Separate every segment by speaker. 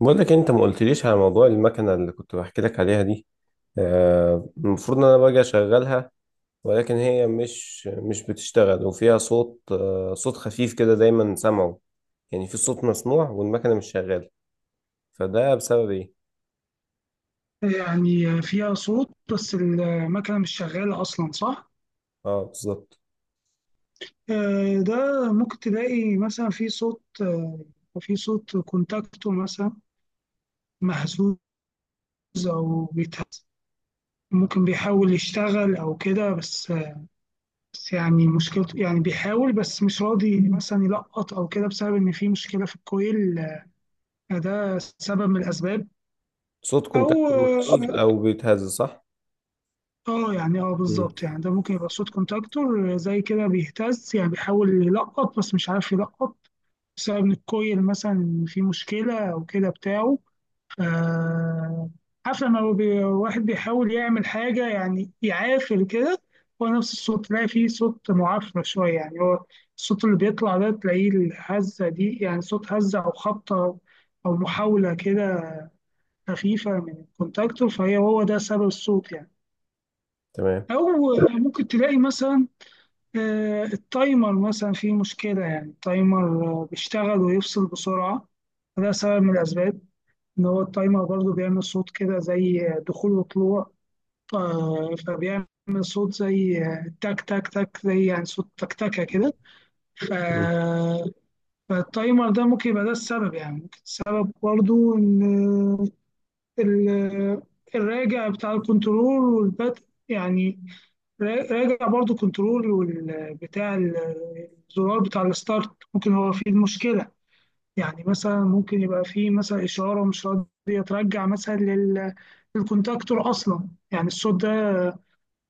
Speaker 1: بقول لك إيه، انت ما قلتليش على موضوع المكنه اللي كنت بحكي لك عليها دي. المفروض ان انا باجي اشغلها. ولكن هي مش بتشتغل وفيها صوت صوت خفيف كده دايما سامعه. يعني في صوت مسموع والمكنه مش شغاله. فده بسبب ايه؟
Speaker 2: يعني فيها صوت بس المكنة مش شغالة أصلا صح؟
Speaker 1: اه، بالظبط.
Speaker 2: ده ممكن تلاقي مثلا في صوت في صوت كونتاكتو مثلا مهزوز أو بيتهز ممكن بيحاول يشتغل أو كده بس بس يعني مشكلته يعني بيحاول بس مش راضي مثلا يلقط أو كده بسبب إن في مشكلة في الكويل ده سبب من الأسباب.
Speaker 1: صوت
Speaker 2: أو
Speaker 1: كونتاكتور مخزوز او بيتهز، صح.
Speaker 2: اه يعني اه
Speaker 1: مم.
Speaker 2: بالظبط يعني ده ممكن يبقى صوت كونتاكتور زي كده بيهتز يعني بيحاول يلقط بس مش عارف يلقط بسبب ان الكويل مثلا في مشكلة او كده بتاعه. ف عارف لما هو واحد بيحاول يعمل حاجة يعني يعافر كده، هو نفس الصوت تلاقي فيه صوت معفرة شوية يعني هو الصوت اللي بيطلع ده تلاقيه الهزة دي يعني صوت هزة أو خبطة أو محاولة كده خفيفة من الكونتاكتور، فهي هو ده سبب الصوت يعني.
Speaker 1: تمام.
Speaker 2: أو ممكن تلاقي مثلا التايمر مثلا فيه مشكلة، يعني التايمر بيشتغل ويفصل بسرعة، فده سبب من الأسباب، إن هو التايمر برضو بيعمل صوت كده زي دخول وطلوع، فبيعمل صوت زي تك تك تك، زي يعني صوت تكتكة كده. ف-
Speaker 1: مم.
Speaker 2: فالتايمر ده ممكن يبقى ده السبب. يعني ممكن السبب برضو إن ال- الراجع بتاع الكنترول والبدء، يعني راجع برضو كنترول والبتاع الزرار بتاع الستارت ممكن هو فيه المشكلة. يعني مثلا ممكن يبقى فيه مثلا إشارة مش راضية ترجع مثلا للكونتاكتور أصلا، يعني الصوت ده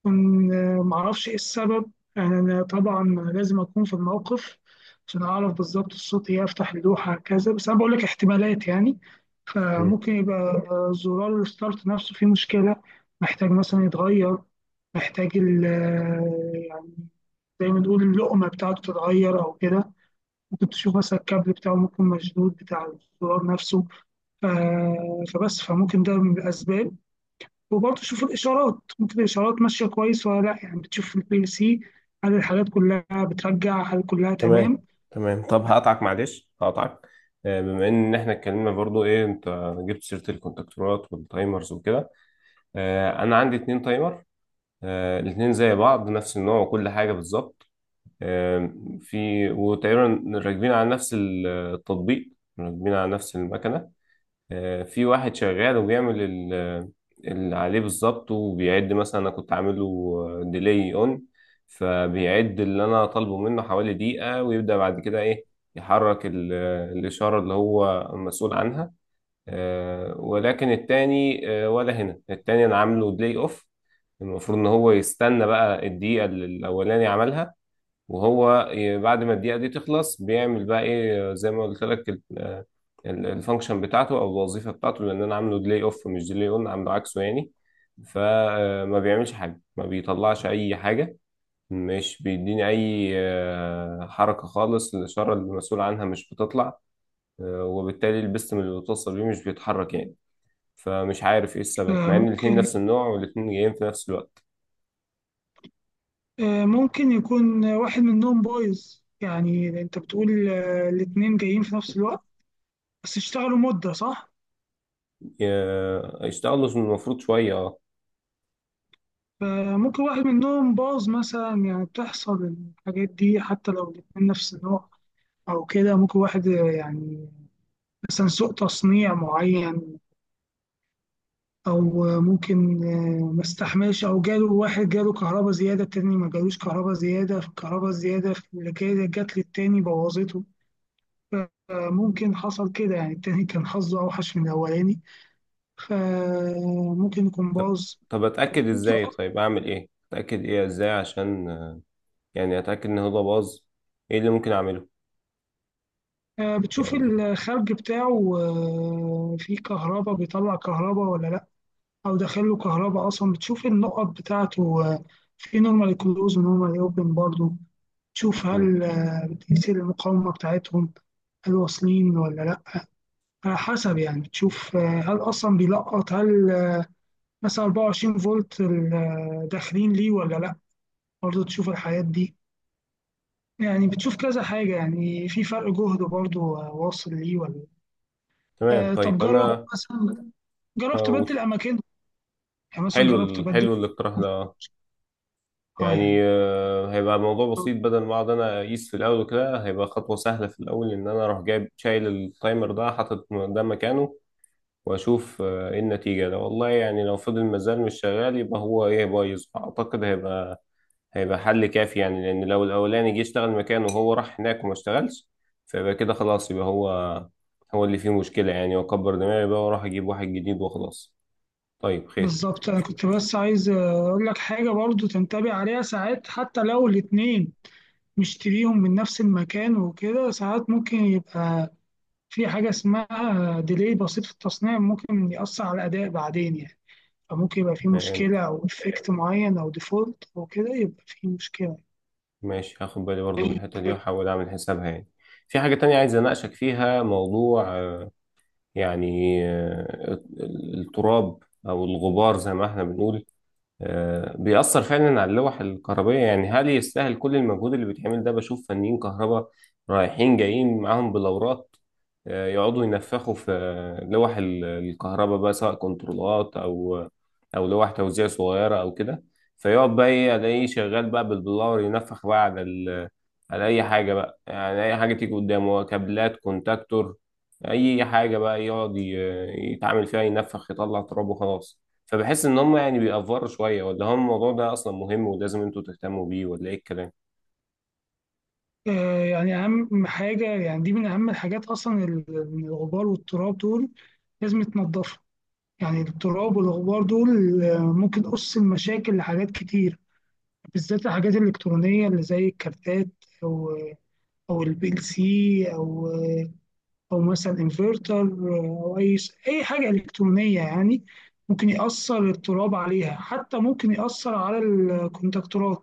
Speaker 2: يكون معرفش إيه السبب. يعني أنا طبعا لازم أكون في الموقف عشان أعرف بالظبط الصوت إيه، أفتح اللوحة كذا، بس أنا بقول لك احتمالات يعني.
Speaker 1: مم.
Speaker 2: فممكن يبقى زرار الستارت نفسه فيه مشكلة، محتاج مثلا يتغير، محتاج ال زي ما نقول اللقمة بتاعته تتغير أو كده. ممكن تشوف مثلا الكابل بتاعه ممكن مشدود، بتاع الزرار نفسه. ف... فبس فممكن ده من الأسباب. وبرضه تشوف الإشارات، ممكن الإشارات ماشية كويس ولا لأ، يعني بتشوف في البي ال سي هل الحاجات كلها بترجع، هل كلها
Speaker 1: تمام.
Speaker 2: تمام.
Speaker 1: تمام. طب
Speaker 2: لأ.
Speaker 1: هقطعك، معلش هقطعك. بما ان احنا اتكلمنا برضو، ايه، انت جبت سيره الكونتاكتورات والتايمرز وكده. انا عندي 2 تايمر. الاتنين زي بعض، نفس النوع وكل حاجه بالظبط. آه، في، وتقريبا راكبين على نفس التطبيق، راكبين على نفس المكنه. في واحد شغال وبيعمل اللي عليه بالظبط وبيعد. مثلا انا كنت عامله ديلي اون، فبيعد اللي انا طالبه منه حوالي دقيقه ويبدا بعد كده، ايه، يحرك الاشاره اللي هو مسؤول عنها. ولكن التاني آه، ولا هنا التاني انا عامله بلاي اوف. المفروض ان هو يستنى بقى الدقيقة اللي الاولاني عملها، وهو بعد ما الدقيقة دي تخلص بيعمل بقى ايه زي ما قلت لك الفانكشن بتاعته او الوظيفة بتاعته، لان انا عامله بلاي اوف مش ديلي اون، عامله عكسه يعني. فما بيعملش حاجة، ما بيطلعش اي حاجة، مش بيديني اي حركة خالص. الاشارة اللي المسؤول عنها مش بتطلع، وبالتالي البستم اللي بتوصل بيه مش بيتحرك يعني. فمش عارف ايه السبب، مع ان الاتنين
Speaker 2: ممكن
Speaker 1: نفس النوع والاتنين جايين في نفس الوقت.
Speaker 2: ممكن يكون واحد منهم بايظ. يعني أنت بتقول الاتنين جايين في نفس الوقت بس اشتغلوا مدة، صح؟
Speaker 1: يشتغلوا المفروض شوية، اه.
Speaker 2: فممكن واحد منهم باظ مثلا، يعني بتحصل الحاجات دي حتى لو الاتنين نفس النوع أو كده. ممكن واحد يعني مثلا سوء تصنيع معين، أو ممكن ما استحملش، أو جاله واحد جاله كهرباء زيادة، التاني ما جالوش كهرباء زيادة، فالكهرباء الزيادة اللي كده جات للتاني بوظته. فممكن حصل كده، يعني التاني كان حظه أوحش من الأولاني، فممكن يكون
Speaker 1: طب،
Speaker 2: باظ.
Speaker 1: طب اتأكد
Speaker 2: ممكن
Speaker 1: ازاي؟ طيب اعمل ايه، اتأكد ايه، ازاي، عشان يعني اتأكد ان هو ده باظ؟ ايه اللي ممكن اعمله
Speaker 2: بتشوف
Speaker 1: يعني؟
Speaker 2: الخرج بتاعه فيه كهرباء، بيطلع كهرباء ولا لأ، أو داخله كهرباء أصلا. بتشوف النقط بتاعته في نورمال كلوز ونورمال أوبن برضه، تشوف
Speaker 1: مم.
Speaker 2: هل بتقيس المقاومة بتاعتهم، هل واصلين ولا لأ. على حسب يعني، بتشوف هل أصلا بيلقط، هل مثلا 24 فولت داخلين ليه ولا لأ. برضه تشوف الحاجات دي، يعني بتشوف كذا حاجة، يعني في فرق جهد برضه واصل ليه ولا لأ.
Speaker 1: تمام.
Speaker 2: طب
Speaker 1: طيب،
Speaker 2: جرب
Speaker 1: انا
Speaker 2: مثلا، جربت
Speaker 1: هقول
Speaker 2: أبدل أماكن، يعني مثلا جربت أبدل.
Speaker 1: حلو الاقتراح ده.
Speaker 2: اه
Speaker 1: يعني
Speaker 2: يعني
Speaker 1: هيبقى الموضوع بسيط. بدل ما اقعد انا اقيس في الاول وكده، هيبقى خطوة سهلة في الاول ان انا اروح جايب شايل التايمر ده، حاطط ده مكانه، واشوف ايه النتيجه. ده والله، يعني لو فضل مازال مش شغال يبقى هو، ايه، بايظ. اعتقد هيبقى حل كافي يعني، لان لو الاولاني جه اشتغل مكانه وهو راح هناك وما اشتغلش، فيبقى كده خلاص، يبقى هو اللي فيه مشكله يعني، واكبر دماغي بقى واروح اجيب واحد جديد وخلاص. طيب، خير.
Speaker 2: بالظبط، أنا كنت بس عايز أقول لك حاجة برضو تنتبه عليها. ساعات حتى لو الاتنين مشتريهم من نفس المكان وكده، ساعات ممكن يبقى في حاجة اسمها ديلي بسيط في التصنيع، ممكن يأثر على الأداء بعدين يعني. فممكن يبقى في
Speaker 1: تمام.
Speaker 2: مشكلة، أو إفكت معين أو ديفولت أو كده، يبقى في مشكلة.
Speaker 1: ماشي، هاخد بالي برضو من الحته دي واحاول اعمل حسابها يعني. في حاجه تانية عايز اناقشك فيها، موضوع يعني التراب، او الغبار زي ما احنا بنقول. بيأثر فعلا على اللوح الكهربائية. يعني هل يستاهل كل المجهود اللي بيتعمل ده؟ بشوف فنيين كهرباء رايحين جايين معاهم بلورات، يقعدوا ينفخوا في لوح الكهرباء بقى، سواء كنترولات أو لوح توزيع صغيرة أو كده. فيقعد بقى، إيه، ألاقيه شغال بقى بالبلور، ينفخ بقى على على أي حاجة بقى. يعني أي حاجة تيجي قدامه، كابلات، كونتاكتور، أي حاجة بقى يقعد يتعامل فيها، ينفخ يطلع تراب وخلاص. فبحس ان هم يعني بيأفوروا شويه، ولا هم الموضوع ده اصلا مهم ولازم انتوا تهتموا بيه، ولا ايه الكلام؟
Speaker 2: يعني أهم حاجة، يعني دي من أهم الحاجات أصلا، الغبار والتراب دول لازم يتنضفوا. يعني التراب والغبار دول ممكن أس المشاكل لحاجات كتير، بالذات الحاجات الإلكترونية اللي زي الكارتات، أو أو البي ال سي، أو أو مثلا انفرتر، أو أي أي حاجة إلكترونية يعني. ممكن يأثر التراب عليها، حتى ممكن يأثر على الكونتاكتورات،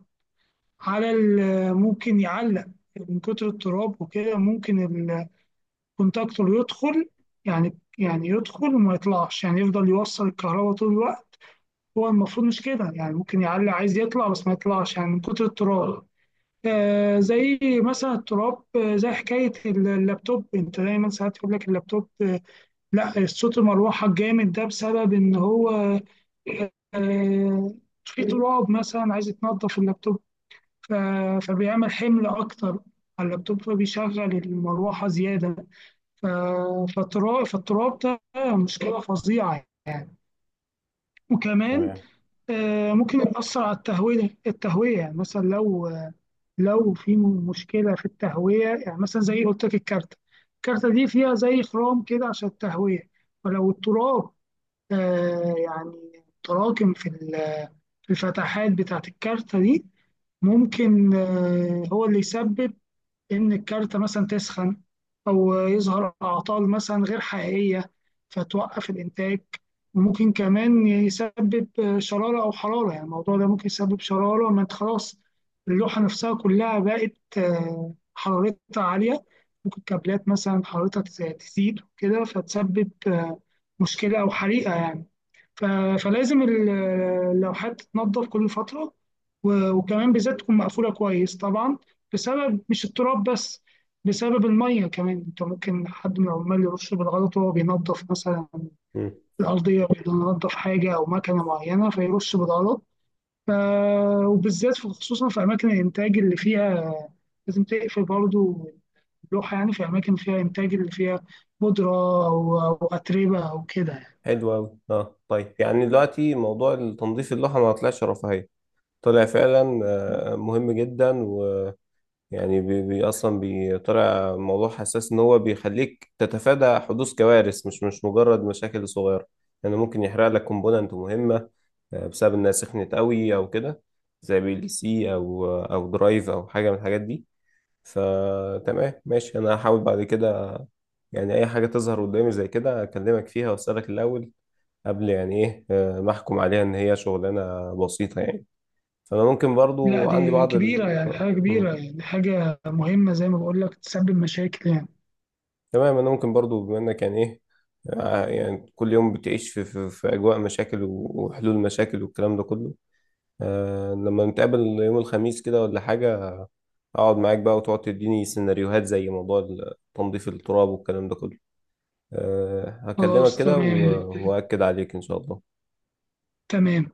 Speaker 2: على ممكن يعلق من كتر التراب وكده. ممكن الكونتاكتور يدخل، يعني يدخل وما يطلعش، يعني يفضل يوصل الكهرباء طول الوقت، هو المفروض مش كده يعني. ممكن يعلي عايز يطلع بس ما يطلعش، يعني من كتر التراب. آه زي مثلا التراب، آه زي حكاية اللابتوب. انت دايما ساعات يقول لك اللابتوب آه لا، صوت المروحة الجامد ده بسبب ان هو آه في تراب مثلا، عايز يتنضف اللابتوب. ف- فبيعمل حمل اكتر على اللابتوب، فبيشغل المروحة زيادة. ف- فالتراب ده مشكلة فظيعة. وكمان
Speaker 1: تمام.
Speaker 2: ممكن يأثر على التهوية. التهوية يعني مثلا لو في مشكلة في التهوية، يعني مثلا زي قلت لك الكارتة، الكارتة دي فيها زي خرام كده عشان التهوية. فلو التراب يعني تراكم في في الفتحات بتاعة الكارتة دي، ممكن هو اللي يسبب إن الكارتة مثلا تسخن، أو يظهر أعطال مثلا غير حقيقية فتوقف الإنتاج. وممكن كمان يسبب شرارة أو حرارة، يعني الموضوع ده ممكن يسبب شرارة. ما أنت خلاص اللوحة نفسها كلها بقت حرارتها عالية، ممكن كابلات مثلا حرارتها تزيد وكده، فتسبب مشكلة أو حريقة يعني. ف- فلازم اللوحات تتنضف كل فترة، وكمان بالذات تكون مقفولة كويس طبعا، بسبب مش التراب بس، بسبب المية كمان. انت ممكن حد من العمال يرش بالغلط وهو بينظف مثلا
Speaker 1: مم.
Speaker 2: الأرضية، بينظف حاجة أو مكنة معينة فيرش بالغلط. ف... وبالذات خصوصا في أماكن الإنتاج اللي فيها لازم تقفل برضو اللوحة، يعني في أماكن فيها إنتاج اللي فيها بودرة أو أو أتربة أو كده.
Speaker 1: حلو قوي، اه. طيب، يعني دلوقتي موضوع التنظيف اللوحه ما طلعش رفاهيه، طلع فعلا مهم جدا. ويعني بي اصلا بيطلع موضوع حساس، ان هو بيخليك تتفادى حدوث كوارث، مش مجرد مشاكل صغيره. يعني ممكن يحرق لك كومبوننت مهمه بسبب انها سخنت قوي او كده، زي بي ال سي او او درايف او حاجه من الحاجات دي. فتمام، ماشي، انا هحاول بعد كده، يعني، اي حاجه تظهر قدامي زي كده اكلمك فيها واسالك الاول، قبل يعني، ايه، ما احكم عليها ان هي شغلانه بسيطه يعني. فانا ممكن
Speaker 2: لا
Speaker 1: برضو عندي
Speaker 2: دي
Speaker 1: بعض
Speaker 2: كبيرة،
Speaker 1: ال...
Speaker 2: يعني
Speaker 1: آه،
Speaker 2: حاجة
Speaker 1: مم.
Speaker 2: كبيرة، يعني حاجة مهمة، زي ما بقول لك تسبب مشاكل يعني.
Speaker 1: تمام. انا ممكن برضو، بما انك يعني، ايه، يعني كل يوم بتعيش في اجواء مشاكل وحلول مشاكل والكلام ده كله، لما نتقابل يوم الخميس كده ولا حاجه، اقعد معاك بقى وتقعد تديني سيناريوهات زي موضوع تنظيف التراب والكلام ده كله. هكلمك
Speaker 2: خلاص
Speaker 1: كده
Speaker 2: تمام.
Speaker 1: وأكد عليك، إن شاء الله.
Speaker 2: تمام.